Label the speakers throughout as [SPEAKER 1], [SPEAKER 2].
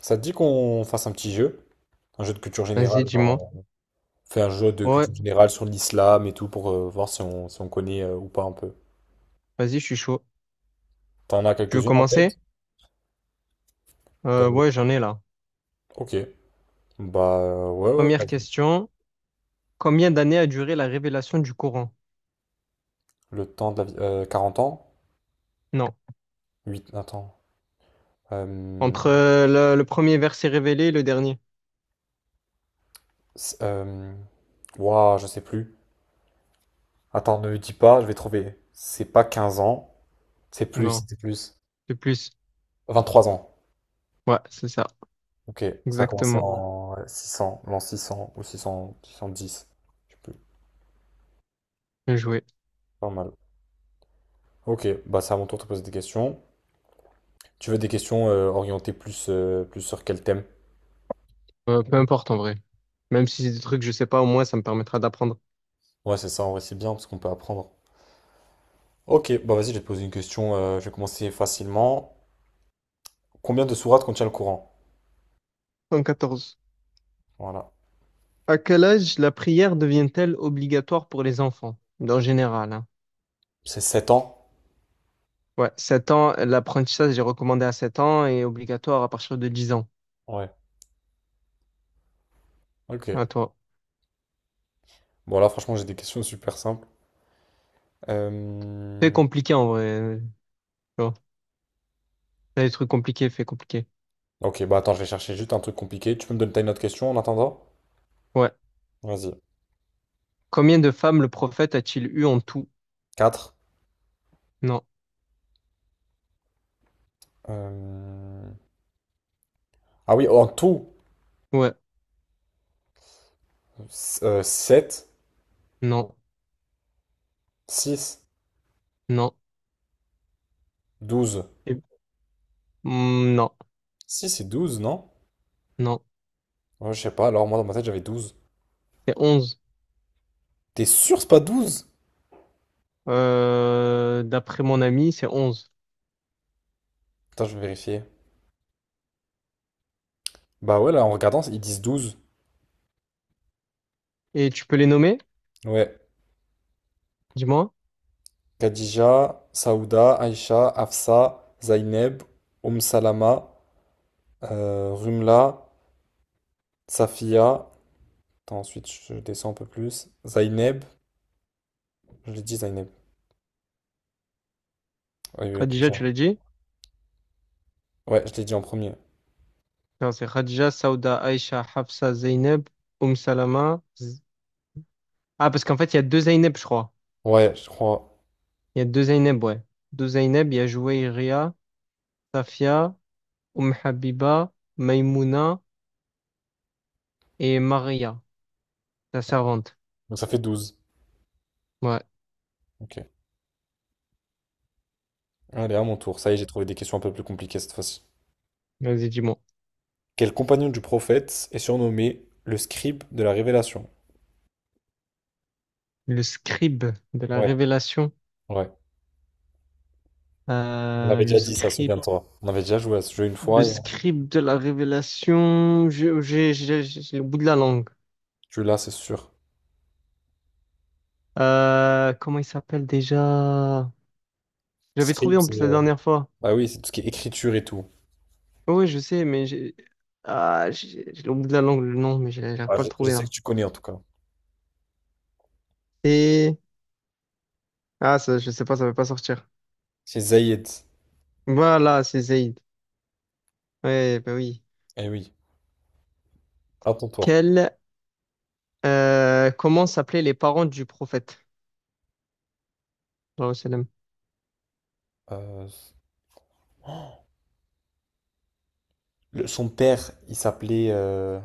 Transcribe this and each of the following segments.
[SPEAKER 1] Ça te dit qu'on fasse un petit jeu, un jeu de culture
[SPEAKER 2] Vas-y,
[SPEAKER 1] générale, genre
[SPEAKER 2] dis-moi.
[SPEAKER 1] on fait un jeu de
[SPEAKER 2] Ouais,
[SPEAKER 1] culture générale sur l'islam et tout pour voir si on, si on connaît ou pas un peu.
[SPEAKER 2] vas-y, je suis chaud.
[SPEAKER 1] T'en as
[SPEAKER 2] Tu veux
[SPEAKER 1] quelques-unes en tête?
[SPEAKER 2] commencer?
[SPEAKER 1] euh,
[SPEAKER 2] Ouais, j'en ai là.
[SPEAKER 1] Ok. Bah ouais ouais.
[SPEAKER 2] Première
[SPEAKER 1] Vas-y.
[SPEAKER 2] question. Combien d'années a duré la révélation du Coran?
[SPEAKER 1] Le temps de la vie. 40 ans?
[SPEAKER 2] Non.
[SPEAKER 1] Huit attends. Euh,
[SPEAKER 2] Entre le premier verset révélé et le dernier?
[SPEAKER 1] c'est- euh, ouah, je sais plus. Attends, ne me dis pas, je vais trouver. C'est pas 15 ans, c'est plus,
[SPEAKER 2] Non.
[SPEAKER 1] c'était plus.
[SPEAKER 2] C'est plus.
[SPEAKER 1] 23 ans.
[SPEAKER 2] Ouais, c'est ça.
[SPEAKER 1] Ok, ça a commencé
[SPEAKER 2] Exactement.
[SPEAKER 1] en ouais, 600, l'an 600 ou 600, 610. Je sais plus.
[SPEAKER 2] Bien joué.
[SPEAKER 1] Pas mal. Ok, bah c'est à mon tour de te poser des questions. Tu veux des questions orientées plus, plus sur quel thème?
[SPEAKER 2] Peu importe en vrai. Même si c'est des trucs que je sais pas, au moins ça me permettra d'apprendre.
[SPEAKER 1] Ouais, c'est ça, en vrai, c'est bien parce qu'on peut apprendre. Ok, bah vas-y, je vais te poser une question. Je vais commencer facilement. Combien de sourates contient le Coran?
[SPEAKER 2] 114.
[SPEAKER 1] Voilà.
[SPEAKER 2] À quel âge la prière devient-elle obligatoire pour les enfants? En général, hein.
[SPEAKER 1] C'est 7 ans?
[SPEAKER 2] Ouais, 7 ans. L'apprentissage est recommandé à 7 ans et obligatoire à partir de 10 ans.
[SPEAKER 1] Ouais. Ok.
[SPEAKER 2] À toi.
[SPEAKER 1] Bon, là, franchement, j'ai des questions super simples.
[SPEAKER 2] Fait
[SPEAKER 1] Euh,
[SPEAKER 2] compliqué en vrai. Tu vois. T'as des trucs compliqués, fait compliqué.
[SPEAKER 1] Ok, bah attends, je vais chercher juste un truc compliqué. Tu peux me donner t'as une autre question en attendant?
[SPEAKER 2] Ouais.
[SPEAKER 1] Vas-y.
[SPEAKER 2] Combien de femmes le prophète a-t-il eu en tout?
[SPEAKER 1] Quatre.
[SPEAKER 2] Non.
[SPEAKER 1] Euh, Ah oui, en tout,
[SPEAKER 2] Ouais.
[SPEAKER 1] 7,
[SPEAKER 2] Non.
[SPEAKER 1] 6,
[SPEAKER 2] Non.
[SPEAKER 1] 12.
[SPEAKER 2] Et- Hmm, non.
[SPEAKER 1] 6 et 12, non?
[SPEAKER 2] Non.
[SPEAKER 1] Ouais, je sais pas, alors moi dans ma tête j'avais 12.
[SPEAKER 2] C'est 11.
[SPEAKER 1] T'es sûr c'est pas douze.
[SPEAKER 2] D'après mon ami, c'est 11.
[SPEAKER 1] Attends, je vais vérifier. Bah ouais, là en regardant, ils disent 12.
[SPEAKER 2] Et tu peux les nommer?
[SPEAKER 1] Ouais.
[SPEAKER 2] Dis-moi.
[SPEAKER 1] Khadija, Saouda, Aïcha, Afsa, Zaineb, Oum Salama, Rumla, Safia. Attends, ensuite je descends un peu plus. Zaineb. Je l'ai dit Zaineb. Ouais, ouais, après,
[SPEAKER 2] Khadija, tu l'as dit?
[SPEAKER 1] ouais, je l'ai dit en premier.
[SPEAKER 2] Non, c'est Khadija, Sauda, Aïcha, Hafsa, Zeynep, Salama. Ah, parce qu'en fait, il y a deux Zeynep, je crois.
[SPEAKER 1] Ouais, je crois.
[SPEAKER 2] Il y a deux Zeynep, ouais. Deux Zeynep, il y a Jouairia, Safia, Habiba, Maimouna. Et Maria, la servante.
[SPEAKER 1] Donc ça fait 12.
[SPEAKER 2] Ouais,
[SPEAKER 1] Ok. Allez, à mon tour. Ça y est, j'ai trouvé des questions un peu plus compliquées cette fois-ci.
[SPEAKER 2] vas-y, dis-moi.
[SPEAKER 1] Quel compagnon du prophète est surnommé le scribe de la révélation?
[SPEAKER 2] Le scribe de la
[SPEAKER 1] Ouais.
[SPEAKER 2] révélation.
[SPEAKER 1] Ouais. On
[SPEAKER 2] Euh,
[SPEAKER 1] avait
[SPEAKER 2] le
[SPEAKER 1] déjà dit ça,
[SPEAKER 2] scribe,
[SPEAKER 1] souviens-toi. On avait déjà joué à ce jeu une
[SPEAKER 2] le
[SPEAKER 1] fois et
[SPEAKER 2] scribe de la révélation. J'ai le bout de la langue.
[SPEAKER 1] tu l'as, c'est sûr.
[SPEAKER 2] Comment il s'appelle déjà? J'avais trouvé
[SPEAKER 1] Script,
[SPEAKER 2] en
[SPEAKER 1] c'est.
[SPEAKER 2] plus la dernière fois.
[SPEAKER 1] Bah oui, c'est tout ce qui est écriture et tout.
[SPEAKER 2] Oui, je sais, mais j'ai ah, j'ai le bout de la langue, le nom, mais j'arrive
[SPEAKER 1] Ah,
[SPEAKER 2] pas à le
[SPEAKER 1] je
[SPEAKER 2] trouver
[SPEAKER 1] sais que
[SPEAKER 2] là.
[SPEAKER 1] tu connais en tout cas.
[SPEAKER 2] Et ah, ça, je sais pas, ça va pas sortir.
[SPEAKER 1] C'est Zayed.
[SPEAKER 2] Voilà, c'est Zayd. Ouais, bah oui.
[SPEAKER 1] Eh oui, à ton tour.
[SPEAKER 2] Quel, Comment s'appelaient les parents du prophète? Genre, c'est la-
[SPEAKER 1] Euh, son père, il s'appelait. Euh...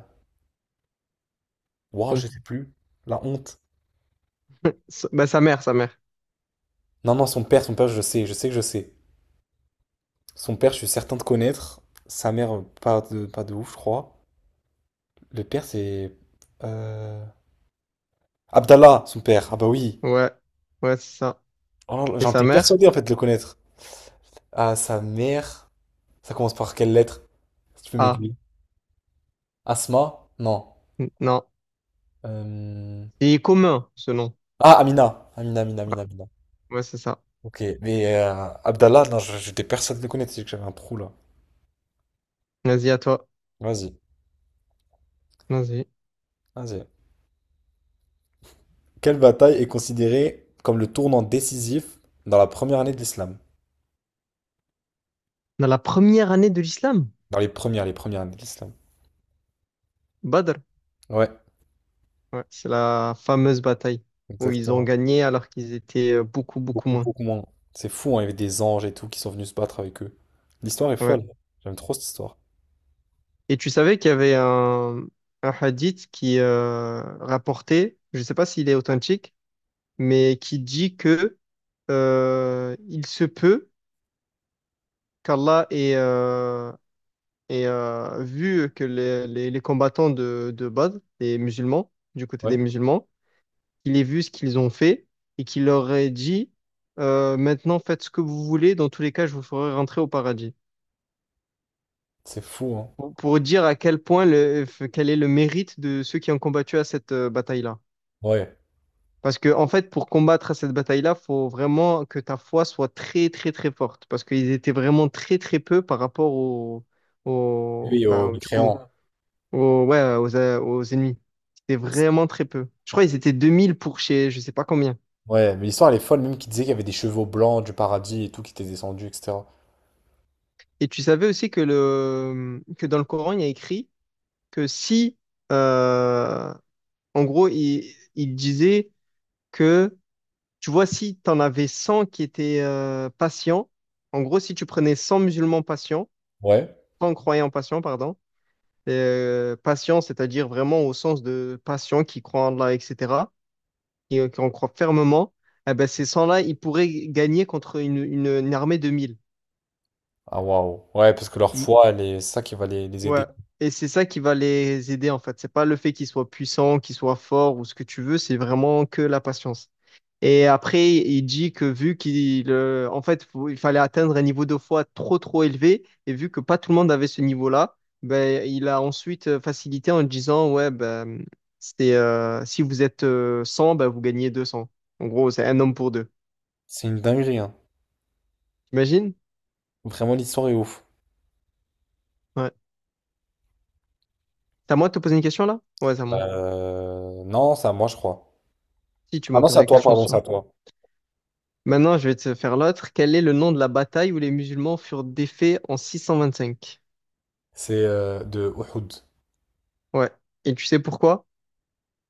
[SPEAKER 1] ouah,
[SPEAKER 2] son-
[SPEAKER 1] je sais plus. La honte.
[SPEAKER 2] sa- bah, sa mère.
[SPEAKER 1] Non, non, son père, je sais que je sais. Son père, je suis certain de connaître. Sa mère, pas de ouf, je crois. Le père, c'est. Euh... Abdallah, son père. Ah bah oui.
[SPEAKER 2] Ouais, ouais, c'est ça.
[SPEAKER 1] Oh,
[SPEAKER 2] Et
[SPEAKER 1] j'en
[SPEAKER 2] sa
[SPEAKER 1] étais
[SPEAKER 2] mère?
[SPEAKER 1] persuadé en fait de le connaître. À sa mère. Ça commence par quelle lettre? Si tu peux
[SPEAKER 2] Ah,
[SPEAKER 1] m'aiguiller. Asma? Non.
[SPEAKER 2] non.
[SPEAKER 1] Euh,
[SPEAKER 2] C'est commun, ce nom.
[SPEAKER 1] Ah, Amina. Amina, Amina, Amina, Amina.
[SPEAKER 2] Ouais, c'est ça.
[SPEAKER 1] Ok. Mais Abdallah, non, j'étais personne de le connaître, c'est que j'avais un trou là.
[SPEAKER 2] Vas-y, à toi.
[SPEAKER 1] Vas-y.
[SPEAKER 2] Vas-y.
[SPEAKER 1] Vas-y. Quelle bataille est considérée comme le tournant décisif dans la première année de l'islam?
[SPEAKER 2] Dans la première année de l'islam,
[SPEAKER 1] Dans les premières années de l'islam.
[SPEAKER 2] Badr.
[SPEAKER 1] Ouais,
[SPEAKER 2] Ouais, c'est la fameuse bataille où ils ont
[SPEAKER 1] exactement.
[SPEAKER 2] gagné alors qu'ils étaient beaucoup, beaucoup
[SPEAKER 1] Beaucoup,
[SPEAKER 2] moins.
[SPEAKER 1] beaucoup moins. C'est fou, hein, il y avait des anges et tout qui sont venus se battre avec eux. L'histoire est
[SPEAKER 2] Ouais.
[SPEAKER 1] folle. J'aime trop cette histoire.
[SPEAKER 2] Et tu savais qu'il y avait un hadith qui rapportait, je ne sais pas s'il est authentique, mais qui dit que il se peut qu'Allah ait, et vu que les combattants de base, les musulmans, du côté
[SPEAKER 1] Ouais.
[SPEAKER 2] des musulmans, il ait vu ce qu'ils ont fait et qu'il leur ait dit maintenant faites ce que vous voulez, dans tous les cas, je vous ferai rentrer au paradis.
[SPEAKER 1] C'est fou, hein.
[SPEAKER 2] Pour dire à quel point, quel est le mérite de ceux qui ont combattu à cette bataille-là.
[SPEAKER 1] Ouais.
[SPEAKER 2] Parce que, en fait, pour combattre à cette bataille-là, faut vraiment que ta foi soit très, très, très forte. Parce qu'ils étaient vraiment très, très peu par rapport
[SPEAKER 1] Oui, au
[SPEAKER 2] enfin, du coup,
[SPEAKER 1] mécréant.
[SPEAKER 2] Aux ennemis. C'était vraiment très peu. Je crois qu'ils étaient 2000 pour chez je sais pas combien.
[SPEAKER 1] Ouais, mais l'histoire elle est folle, même qu'il disait qu'il y avait des chevaux blancs du paradis et tout qui étaient descendus, etc.
[SPEAKER 2] Et tu savais aussi que, que dans le Coran, il y a écrit que si, euh, en gros, il disait que, tu vois, si tu en avais 100 qui étaient patients, en gros, si tu prenais 100 musulmans patients,
[SPEAKER 1] Ouais.
[SPEAKER 2] 100 croyants patients, pardon, patients, c'est-à-dire vraiment au sens de patients qui croient en Allah, etc., qui en croient fermement, eh ben, ces 100 là ils pourraient gagner contre une armée de 1000.
[SPEAKER 1] Ah waouh. Ouais, parce que leur
[SPEAKER 2] Mm.
[SPEAKER 1] foi, elle est c'est ça qui va les
[SPEAKER 2] Ouais.
[SPEAKER 1] aider.
[SPEAKER 2] Et c'est ça qui va les aider, en fait. C'est pas le fait qu'ils soient puissants, qu'ils soient forts ou ce que tu veux, c'est vraiment que la patience. Et après, il dit que vu en fait, il fallait atteindre un niveau de foi trop, trop élevé, et vu que pas tout le monde avait ce niveau-là, ben, il a ensuite facilité en disant, ouais, ben, si vous êtes 100, ben, vous gagnez 200. En gros, c'est un homme pour deux.
[SPEAKER 1] C'est une dinguerie, hein.
[SPEAKER 2] T'imagines?
[SPEAKER 1] Vraiment, l'histoire est ouf.
[SPEAKER 2] Ouais. C'est à moi de te poser une question là? Ouais, c'est à moi.
[SPEAKER 1] Non, c'est à moi, je crois.
[SPEAKER 2] Si tu
[SPEAKER 1] Ah
[SPEAKER 2] m'as
[SPEAKER 1] non, c'est
[SPEAKER 2] posé
[SPEAKER 1] à
[SPEAKER 2] la
[SPEAKER 1] toi,
[SPEAKER 2] question
[SPEAKER 1] pardon, c'est à
[SPEAKER 2] sur.
[SPEAKER 1] toi.
[SPEAKER 2] Maintenant, je vais te faire l'autre. Quel est le nom de la bataille où les musulmans furent défaits en 625?
[SPEAKER 1] C'est de Uhud.
[SPEAKER 2] Ouais. Et tu sais pourquoi?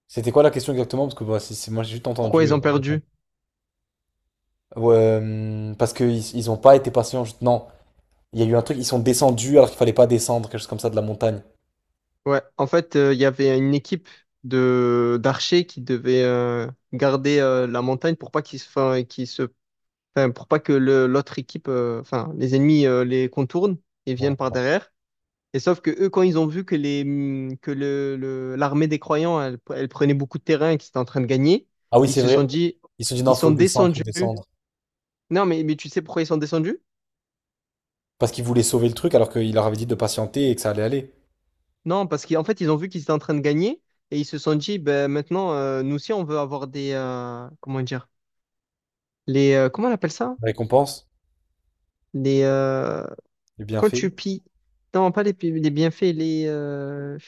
[SPEAKER 1] C'était quoi la question exactement? Parce que bah, moi, j'ai juste
[SPEAKER 2] Pourquoi
[SPEAKER 1] entendu.
[SPEAKER 2] ils ont perdu?
[SPEAKER 1] Ouais, parce qu'ils ont pas été patients. Non, il y a eu un truc, ils sont descendus alors qu'il fallait pas descendre, quelque chose comme ça, de la montagne.
[SPEAKER 2] Ouais. En fait, il y avait une équipe de d'archers qui devait garder la montagne pour pas enfin, enfin, pour pas que l'autre équipe, enfin, les ennemis les contournent et viennent
[SPEAKER 1] Ouais.
[SPEAKER 2] par derrière. Et sauf que eux, quand ils ont vu que les, que le- l'armée des croyants, elle prenait beaucoup de terrain et qu'ils étaient en train de gagner,
[SPEAKER 1] Ah oui,
[SPEAKER 2] ils
[SPEAKER 1] c'est
[SPEAKER 2] se sont
[SPEAKER 1] vrai.
[SPEAKER 2] dit,
[SPEAKER 1] Ils se sont dit non,
[SPEAKER 2] ils
[SPEAKER 1] faut
[SPEAKER 2] sont
[SPEAKER 1] descendre, faut
[SPEAKER 2] descendus.
[SPEAKER 1] descendre.
[SPEAKER 2] Non, mais tu sais pourquoi ils sont descendus?
[SPEAKER 1] Parce qu'ils voulaient sauver le truc alors qu'il leur avait dit de patienter et que ça allait aller.
[SPEAKER 2] Non, parce qu'en fait, ils ont vu qu'ils étaient en train de gagner et ils se sont dit, ben maintenant, nous aussi, on veut avoir des, comment dire, comment on appelle ça?
[SPEAKER 1] La récompense,
[SPEAKER 2] Les, euh,
[SPEAKER 1] les
[SPEAKER 2] quand
[SPEAKER 1] bienfaits,
[SPEAKER 2] tu pilles, non, pas les, pi- les bienfaits,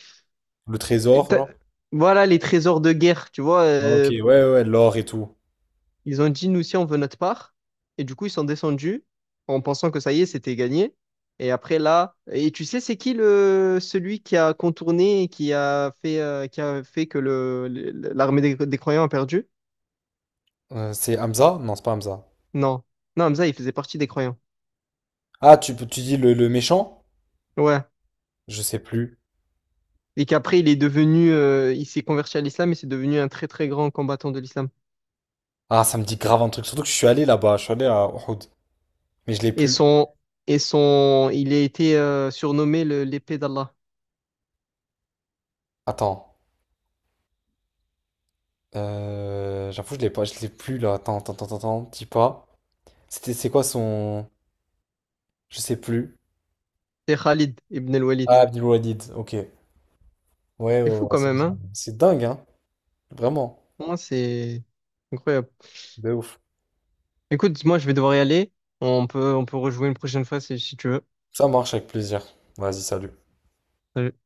[SPEAKER 1] le
[SPEAKER 2] que
[SPEAKER 1] trésor,
[SPEAKER 2] t'as-
[SPEAKER 1] genre.
[SPEAKER 2] voilà, les trésors de guerre, tu vois,
[SPEAKER 1] Ah, ok, ouais, ouais, ouais, l'or et tout.
[SPEAKER 2] ils ont dit, nous aussi, on veut notre part. Et du coup, ils sont descendus en pensant que ça y est, c'était gagné. Et après, là, et tu sais, c'est qui le celui qui a contourné et qui a fait que l'armée des croyants a perdu?
[SPEAKER 1] C'est Hamza? Non, c'est pas Hamza.
[SPEAKER 2] Non. Non, Hamza, il faisait partie des croyants.
[SPEAKER 1] Ah, tu dis le méchant?
[SPEAKER 2] Ouais.
[SPEAKER 1] Je sais plus.
[SPEAKER 2] Et qu'après, il s'est converti à l'islam et c'est devenu un très, très grand combattant de l'islam.
[SPEAKER 1] Ah, ça me dit grave un truc. Surtout que je suis allé là-bas, je suis allé à Uhud. Mais je l'ai
[SPEAKER 2] Et
[SPEAKER 1] plus.
[SPEAKER 2] son, il a été surnommé l'épée d'Allah.
[SPEAKER 1] Attends. J'avoue, je l'ai pas, je l'ai plus là. Attends, attends, attends, attends, dis pas. C'est quoi son. Je sais plus.
[SPEAKER 2] C'est Khalid ibn al-Walid.
[SPEAKER 1] Ah, Abdul Walid, ok. Ouais, ouais,
[SPEAKER 2] C'est fou
[SPEAKER 1] ouais,
[SPEAKER 2] quand même, hein?
[SPEAKER 1] c'est dingue, hein. Vraiment,
[SPEAKER 2] Pour moi, c'est incroyable.
[SPEAKER 1] de ouf.
[SPEAKER 2] Écoute, moi je vais devoir y aller. On peut rejouer une prochaine fois si tu veux.
[SPEAKER 1] Ça marche avec plaisir. Vas-y, salut.
[SPEAKER 2] Salut.